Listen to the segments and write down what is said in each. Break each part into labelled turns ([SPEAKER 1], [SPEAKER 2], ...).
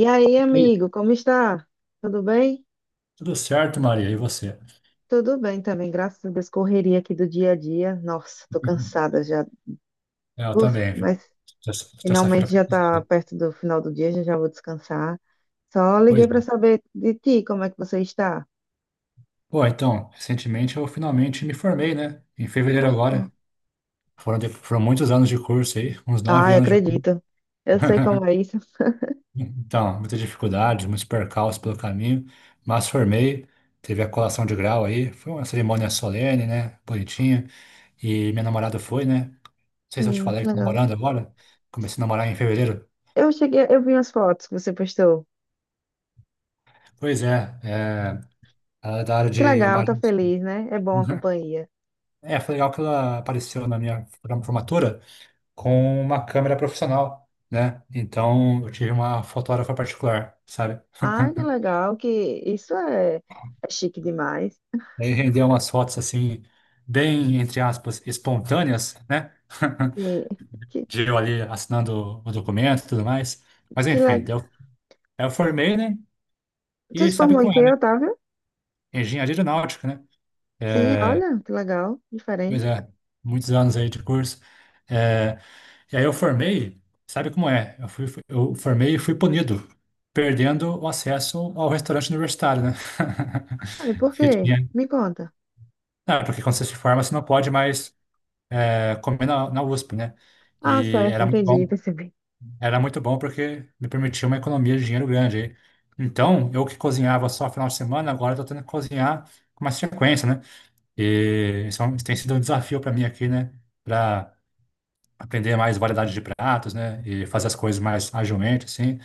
[SPEAKER 1] E aí,
[SPEAKER 2] Ei,
[SPEAKER 1] amigo, como está? Tudo bem?
[SPEAKER 2] tudo certo, Maria? E você?
[SPEAKER 1] Tudo bem também, graças a Deus, correria aqui do dia a dia. Nossa, tô cansada já.
[SPEAKER 2] Eu
[SPEAKER 1] Uf,
[SPEAKER 2] também.
[SPEAKER 1] mas
[SPEAKER 2] Terça-feira
[SPEAKER 1] finalmente
[SPEAKER 2] foi
[SPEAKER 1] já tá
[SPEAKER 2] pesada.
[SPEAKER 1] perto do final do dia, já já vou descansar. Só
[SPEAKER 2] Pois
[SPEAKER 1] liguei para
[SPEAKER 2] é.
[SPEAKER 1] saber de ti, como é que você está?
[SPEAKER 2] Bom, então, recentemente eu finalmente me formei, né? Em fevereiro
[SPEAKER 1] Ah, que
[SPEAKER 2] agora.
[SPEAKER 1] bom.
[SPEAKER 2] Foram muitos anos de curso aí, uns nove
[SPEAKER 1] Ai,
[SPEAKER 2] anos de curso.
[SPEAKER 1] acredito. Eu sei como é isso.
[SPEAKER 2] Então, muitas dificuldades, muitos percalços pelo caminho, mas formei. Teve a colação de grau aí. Foi uma cerimônia solene, né? Bonitinha. E minha namorada foi, né? Não sei se eu te
[SPEAKER 1] Sim, que
[SPEAKER 2] falei que tô
[SPEAKER 1] legal.
[SPEAKER 2] namorando agora. Comecei a namorar em fevereiro.
[SPEAKER 1] Eu cheguei, eu vi as fotos que você postou.
[SPEAKER 2] Pois é, é. Ela é da área de
[SPEAKER 1] Que legal, tá
[SPEAKER 2] imagens.
[SPEAKER 1] feliz, né? É bom a
[SPEAKER 2] Uhum.
[SPEAKER 1] companhia.
[SPEAKER 2] É, foi legal que ela apareceu na minha formatura com uma câmera profissional, né? Então eu tive uma fotógrafa particular, sabe?
[SPEAKER 1] Ai, que legal, que isso é, é chique demais.
[SPEAKER 2] E aí rendeu umas fotos assim, bem, entre aspas, espontâneas, né?
[SPEAKER 1] Sim.
[SPEAKER 2] De eu ali assinando o documento e tudo mais. Mas
[SPEAKER 1] Que legal.
[SPEAKER 2] enfim, deu, eu formei, né?
[SPEAKER 1] Você
[SPEAKER 2] E
[SPEAKER 1] se
[SPEAKER 2] sabe
[SPEAKER 1] formou em
[SPEAKER 2] qual é,
[SPEAKER 1] quê,
[SPEAKER 2] né?
[SPEAKER 1] Otávio?
[SPEAKER 2] Engenharia aeronáutica, né?
[SPEAKER 1] Sim,
[SPEAKER 2] É,
[SPEAKER 1] olha, que legal,
[SPEAKER 2] pois
[SPEAKER 1] diferente.
[SPEAKER 2] é, muitos anos aí de curso. É. E aí eu formei, sabe como é? Eu formei e fui punido, perdendo o acesso ao restaurante universitário, né?
[SPEAKER 1] Ah, e por
[SPEAKER 2] Que
[SPEAKER 1] quê?
[SPEAKER 2] tinha.
[SPEAKER 1] Me conta.
[SPEAKER 2] Ah, porque quando você se forma, você não pode mais comer na USP, né?
[SPEAKER 1] Ah,
[SPEAKER 2] E
[SPEAKER 1] certo,
[SPEAKER 2] era muito
[SPEAKER 1] entendi,
[SPEAKER 2] bom.
[SPEAKER 1] percebi.
[SPEAKER 2] Era muito bom porque me permitia uma economia de dinheiro grande aí. Então, eu que cozinhava só final de semana, agora estou tendo que cozinhar com mais frequência, né? E isso tem sido um desafio para mim aqui, né? Aprender mais variedade de pratos, né? E fazer as coisas mais agilmente, assim.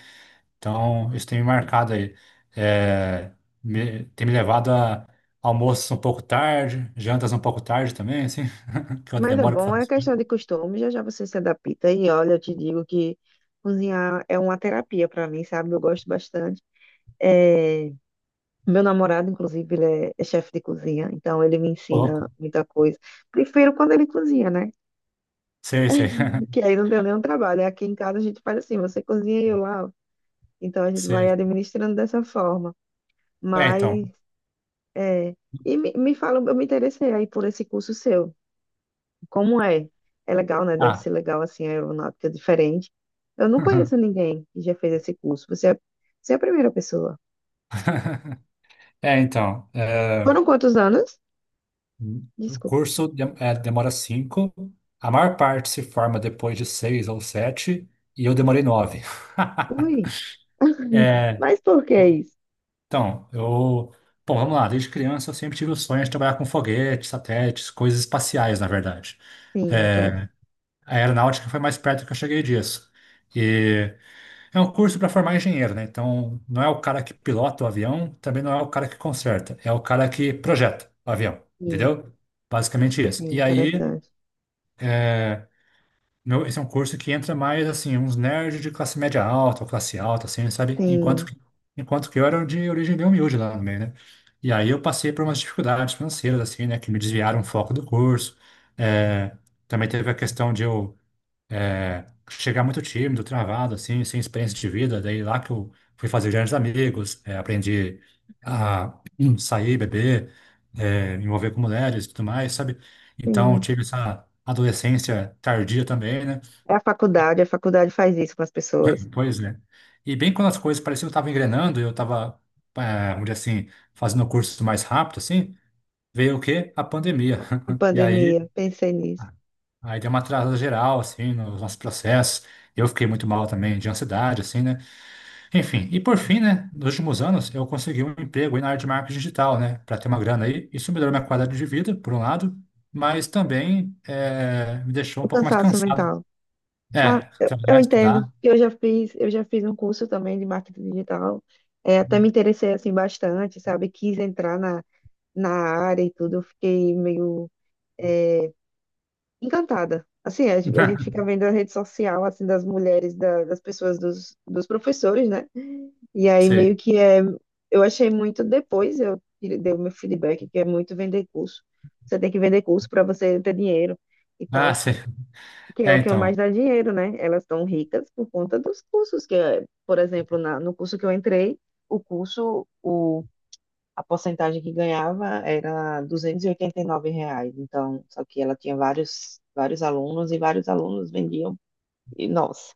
[SPEAKER 2] Então, isso tem me marcado aí. É, tem me levado a almoços um pouco tarde, jantas um pouco tarde também, assim, que eu
[SPEAKER 1] Mas é
[SPEAKER 2] demoro para
[SPEAKER 1] bom,
[SPEAKER 2] fazer
[SPEAKER 1] é
[SPEAKER 2] isso.
[SPEAKER 1] questão de costume, já já você se adapta. E olha, eu te digo que cozinhar é uma terapia para mim, sabe? Eu gosto bastante. É, meu namorado, inclusive, ele é chefe de cozinha, então ele me
[SPEAKER 2] Ô, louco.
[SPEAKER 1] ensina muita coisa. Prefiro quando ele cozinha, né?
[SPEAKER 2] Sei, sei.
[SPEAKER 1] Que aí não tem nenhum trabalho. Aqui em casa a gente faz assim, você cozinha e eu lavo. Então a gente vai
[SPEAKER 2] Sei.
[SPEAKER 1] administrando dessa forma.
[SPEAKER 2] É, então.
[SPEAKER 1] Mas é. E me fala, eu me interessei aí por esse curso seu. Como é? É legal, né? Deve
[SPEAKER 2] Ah.
[SPEAKER 1] ser legal, assim, a aeronáutica é diferente. Eu não conheço ninguém que já fez esse curso. Você é a primeira pessoa.
[SPEAKER 2] É, então. É,
[SPEAKER 1] Foram quantos anos?
[SPEAKER 2] um
[SPEAKER 1] Desculpa.
[SPEAKER 2] curso demora cinco. A maior parte se forma depois de seis ou sete, e eu demorei nove.
[SPEAKER 1] Ui. Mas por que isso?
[SPEAKER 2] Então, eu. Bom, vamos lá. Desde criança eu sempre tive o sonho de trabalhar com foguetes, satélites, coisas espaciais, na verdade.
[SPEAKER 1] Sim, claro.
[SPEAKER 2] É, a aeronáutica foi mais perto que eu cheguei disso. E é um curso para formar engenheiro, né? Então, não é o cara que pilota o avião, também não é o cara que conserta, é o cara que projeta o avião,
[SPEAKER 1] Sim,
[SPEAKER 2] entendeu? Basicamente isso.
[SPEAKER 1] sim,
[SPEAKER 2] E aí.
[SPEAKER 1] interessante.
[SPEAKER 2] Meu, esse é um curso que entra mais, assim, uns nerds de classe média alta, ou classe alta, assim, sabe? Enquanto
[SPEAKER 1] Sim,
[SPEAKER 2] que, enquanto que eu era de origem bem humilde lá no meio, né? E aí eu passei por umas dificuldades financeiras, assim, né? Que me desviaram o foco do curso. É, também teve a questão de eu chegar muito tímido, travado, assim, sem experiência de vida. Daí lá que eu fui fazer grandes amigos, é, aprendi a sair, beber, me envolver com mulheres e tudo mais, sabe? Então,
[SPEAKER 1] sim.
[SPEAKER 2] tive essa adolescência tardia também, né?
[SPEAKER 1] É a faculdade faz isso com as pessoas.
[SPEAKER 2] Pois é. E bem quando as coisas pareciam que estavam engrenando, eu estava, vamos dizer assim, fazendo o curso mais rápido, assim, veio o quê? A pandemia.
[SPEAKER 1] A
[SPEAKER 2] E aí,
[SPEAKER 1] pandemia, pensei nisso.
[SPEAKER 2] aí deu uma atrasada geral, assim, nos nossos processos. Eu fiquei muito mal também, de ansiedade, assim, né? Enfim, e por fim, né, nos últimos anos, eu consegui um emprego aí na área de marketing digital, né, para ter uma grana aí. Isso melhorou minha qualidade de vida, por um lado, mas também me deixou um
[SPEAKER 1] O
[SPEAKER 2] pouco mais
[SPEAKER 1] cansaço
[SPEAKER 2] cansado.
[SPEAKER 1] mental. Ah,
[SPEAKER 2] É,
[SPEAKER 1] eu
[SPEAKER 2] trabalhar,
[SPEAKER 1] entendo.
[SPEAKER 2] estudar.
[SPEAKER 1] Eu já fiz um curso também de marketing digital. É, até me interessei assim bastante, sabe? Quis entrar na área e tudo. Eu fiquei meio encantada. Assim, a, a gente fica vendo a rede social assim das mulheres, das pessoas, dos professores, né? E aí meio
[SPEAKER 2] Sei.
[SPEAKER 1] que é, eu achei muito depois eu dei o meu feedback que é muito vender curso. Você tem que vender curso para você ter dinheiro. E
[SPEAKER 2] Ah,
[SPEAKER 1] tal.
[SPEAKER 2] sei.
[SPEAKER 1] Que é
[SPEAKER 2] É,
[SPEAKER 1] o que mais
[SPEAKER 2] então.
[SPEAKER 1] dá dinheiro, né? Elas estão ricas por conta dos cursos, que, é, por exemplo, no curso que eu entrei, o curso, o, a porcentagem que ganhava era duzentos e oitenta e nove reais. Então, só que ela tinha vários, vários alunos e vários alunos vendiam, e, nossa.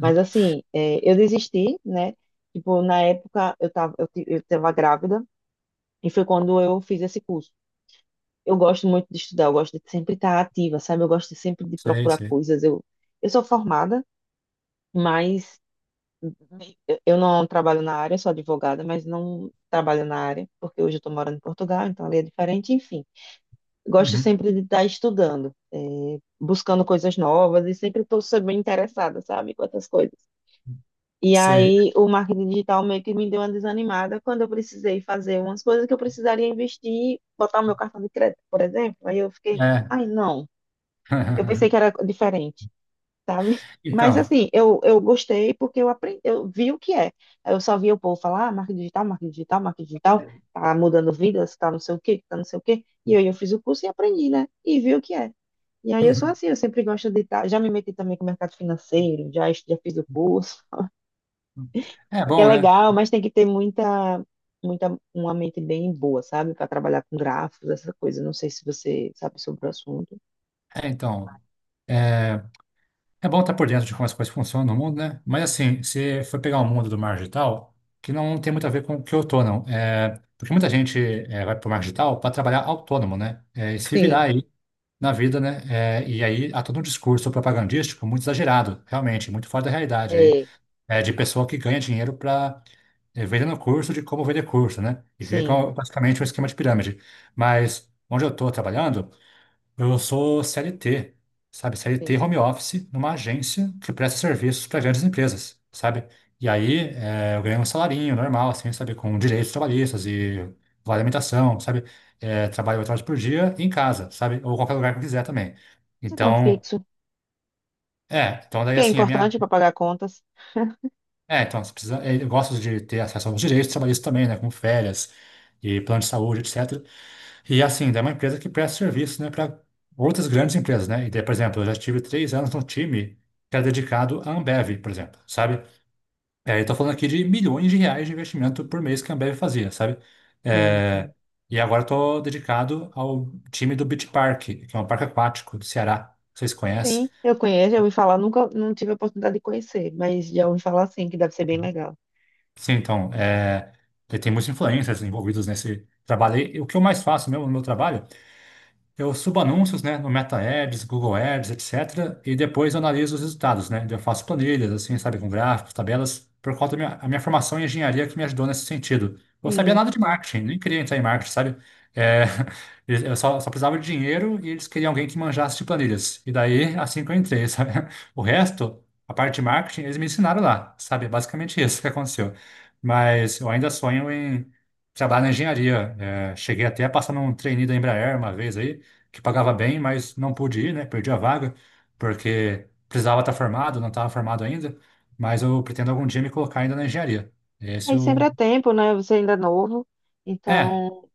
[SPEAKER 1] Mas assim, é, eu desisti, né? Tipo, na época eu tava grávida e foi quando eu fiz esse curso. Eu gosto muito de estudar, eu gosto de sempre estar ativa, sabe? Eu gosto de sempre de
[SPEAKER 2] Sei,
[SPEAKER 1] procurar
[SPEAKER 2] sei.
[SPEAKER 1] coisas. Eu sou formada, mas eu não trabalho na área, sou advogada, mas não trabalho na área, porque hoje eu estou morando em Portugal, então ali é diferente, enfim. Gosto
[SPEAKER 2] Uhum.
[SPEAKER 1] sempre de estar estudando, eh, buscando coisas novas e sempre interessada, sabe, com outras coisas. E
[SPEAKER 2] Sei.
[SPEAKER 1] aí o marketing digital meio que me deu uma desanimada quando eu precisei fazer umas coisas que eu precisaria investir, botar o meu cartão de crédito, por exemplo. Aí eu fiquei,
[SPEAKER 2] É.
[SPEAKER 1] ai, não. Eu pensei que era diferente, sabe? Mas
[SPEAKER 2] Então.
[SPEAKER 1] assim, eu gostei porque eu aprendi, eu vi o que é. Eu só via o povo falar, ah, marketing digital, marketing digital, marketing digital, tá mudando vidas, tá não sei o quê, tá não sei o quê. E aí eu fiz o curso e aprendi, né? E vi o que é. E aí eu sou assim, eu sempre gosto de estar, já me meti também com o mercado financeiro, já, já fiz o curso,
[SPEAKER 2] É
[SPEAKER 1] que é
[SPEAKER 2] bom, né?
[SPEAKER 1] legal, mas tem que ter muita, uma mente bem boa, sabe? Para trabalhar com gráficos, essa coisa. Não sei se você sabe sobre o assunto.
[SPEAKER 2] É, então. É é bom estar por dentro de como as coisas funcionam no mundo, né? Mas assim, se for pegar o mundo do marketing digital, que não tem muito a ver com o que eu tô, não. É, porque muita gente vai para o marketing digital para trabalhar autônomo, né? É, e se virar
[SPEAKER 1] Sim,
[SPEAKER 2] aí na vida, né? É, e aí há todo um discurso propagandístico muito exagerado, realmente, muito fora da realidade aí,
[SPEAKER 1] é,
[SPEAKER 2] de pessoa que ganha dinheiro para vendendo curso de como vender curso, né? E fica,
[SPEAKER 1] sim.
[SPEAKER 2] uhum, basicamente um esquema de pirâmide. Mas onde eu estou trabalhando, eu sou CLT, sabe?
[SPEAKER 1] Sim.
[SPEAKER 2] CLT home office numa agência que presta serviços para grandes empresas, sabe? E aí eu ganho um salarinho normal, assim, sabe? Com direitos trabalhistas e vale alimentação, sabe? É, trabalho 8 horas por dia em casa, sabe? Ou qualquer lugar que eu quiser também.
[SPEAKER 1] Então,
[SPEAKER 2] Então,
[SPEAKER 1] fixo.
[SPEAKER 2] é. Então, daí,
[SPEAKER 1] Que é
[SPEAKER 2] assim, a minha.
[SPEAKER 1] importante para pagar contas.
[SPEAKER 2] É, então, você precisa, eu gosto de ter acesso aos direitos trabalhistas também, né, como férias e plano de saúde, etc. E assim, daí é uma empresa que presta serviço, né, para outras grandes empresas, né? E daí, por exemplo, eu já tive 3 anos num time que era dedicado à Ambev, por exemplo, sabe? É, eu tô falando aqui de milhões de reais de investimento por mês que a Ambev fazia, sabe?
[SPEAKER 1] Sim,
[SPEAKER 2] É,
[SPEAKER 1] sim.
[SPEAKER 2] e agora eu tô dedicado ao time do Beach Park, que é um parque aquático do Ceará, vocês conhecem?
[SPEAKER 1] Sim, eu conheço, eu ouvi falar, nunca não tive a oportunidade de conhecer, mas já ouvi falar sim, que deve ser bem legal.
[SPEAKER 2] Sim, então, tem muitos influencers envolvidos nesse trabalho. E o que eu mais faço mesmo no meu trabalho eu subo anúncios, né, no Meta Ads, Google Ads, etc. E depois eu analiso os resultados, né? Eu faço planilhas, assim, sabe, com gráficos, tabelas, por conta da minha formação em engenharia que me ajudou nesse sentido. Eu sabia
[SPEAKER 1] Sim,
[SPEAKER 2] nada de
[SPEAKER 1] sim.
[SPEAKER 2] marketing, nem queria entrar em marketing, sabe? É, eu só precisava de dinheiro e eles queriam alguém que manjasse de planilhas. E daí, assim que eu entrei, sabe? O resto, a parte de marketing, eles me ensinaram lá, sabe? É, basicamente isso que aconteceu. Mas eu ainda sonho em trabalhar na engenharia. É, cheguei até a passar num trainee da Embraer uma vez aí, que pagava bem, mas não pude ir, né? Perdi a vaga, porque precisava estar formado, não estava formado ainda, mas eu pretendo algum dia me colocar ainda na engenharia. Esse
[SPEAKER 1] Aí sempre
[SPEAKER 2] o.
[SPEAKER 1] é tempo, né? Você ainda é novo,
[SPEAKER 2] É,
[SPEAKER 1] então,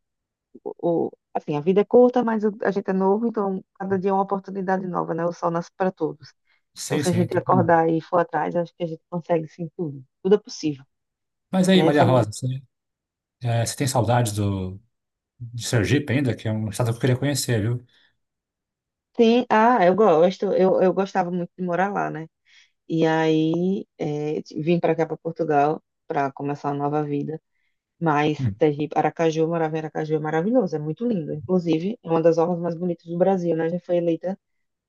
[SPEAKER 1] assim, a vida é curta, mas a gente é novo, então cada dia é uma oportunidade nova, né? O sol nasce para todos. Então,
[SPEAKER 2] sim,
[SPEAKER 1] se a
[SPEAKER 2] sim.
[SPEAKER 1] gente
[SPEAKER 2] Tô com-.
[SPEAKER 1] acordar e for atrás, acho que a gente consegue sim tudo. Tudo é possível,
[SPEAKER 2] Mas aí,
[SPEAKER 1] né?
[SPEAKER 2] Maria
[SPEAKER 1] Só não...
[SPEAKER 2] Rosa, você tem saudades de Sergipe ainda, que é um estado que eu queria conhecer, viu?
[SPEAKER 1] Sim, ah, eu gosto, eu gostava muito de morar lá, né? E aí é, vim para cá, para Portugal, para começar uma nova vida. Mas
[SPEAKER 2] Hum.
[SPEAKER 1] Sergipe, Aracaju, eu morava em Aracaju, é maravilhoso, é muito lindo. Inclusive, é uma das orlas mais bonitas do Brasil, né? Já foi eleita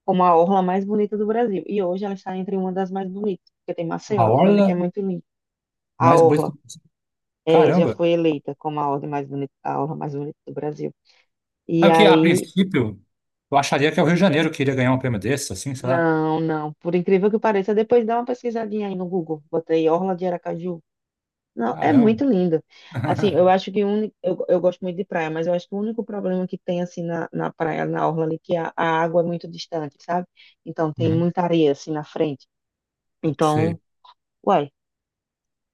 [SPEAKER 1] como a orla mais bonita do Brasil. E hoje ela está entre uma das mais bonitas, porque tem
[SPEAKER 2] A
[SPEAKER 1] Maceió também, que é
[SPEAKER 2] orla
[SPEAKER 1] muito lindo. A
[SPEAKER 2] mais bonita.
[SPEAKER 1] orla é, já
[SPEAKER 2] Caramba!
[SPEAKER 1] foi eleita como a ordem mais bonita, a orla mais bonita do Brasil. E
[SPEAKER 2] Sabe que, a
[SPEAKER 1] aí,
[SPEAKER 2] princípio, eu acharia que é o Rio de Janeiro que iria ganhar um prêmio desse, assim, sei lá.
[SPEAKER 1] não, não, por incrível que pareça, depois dá uma pesquisadinha aí no Google. Botei orla de Aracaju. Não, é
[SPEAKER 2] Caramba!
[SPEAKER 1] muito lindo. Assim, eu acho que o único, eu gosto muito de praia, mas eu acho que o único problema que tem assim na praia, na orla ali, que a água é muito distante, sabe? Então tem
[SPEAKER 2] Uhum,
[SPEAKER 1] muita areia assim na frente. Então,
[SPEAKER 2] sei.
[SPEAKER 1] uai,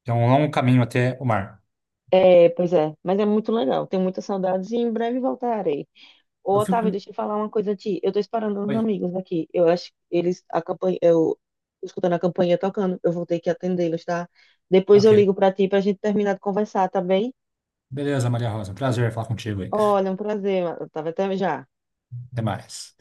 [SPEAKER 2] É um longo caminho até o mar.
[SPEAKER 1] é, pois é, mas é muito legal. Tenho muitas saudades e em breve voltarei. Ô,
[SPEAKER 2] Eu
[SPEAKER 1] Otávio,
[SPEAKER 2] fico.
[SPEAKER 1] deixa eu falar uma coisa a ti. Eu tô esperando uns
[SPEAKER 2] Oi.
[SPEAKER 1] amigos aqui. Eu acho que eles a campanha, eu escutando a campainha tocando, eu vou ter que atendê-los, tá? Depois
[SPEAKER 2] Ok.
[SPEAKER 1] eu ligo pra ti pra gente terminar de conversar, tá bem?
[SPEAKER 2] Beleza, Maria Rosa. Prazer falar contigo aí.
[SPEAKER 1] Olha, é um prazer, Otávio. Até já.
[SPEAKER 2] Até mais.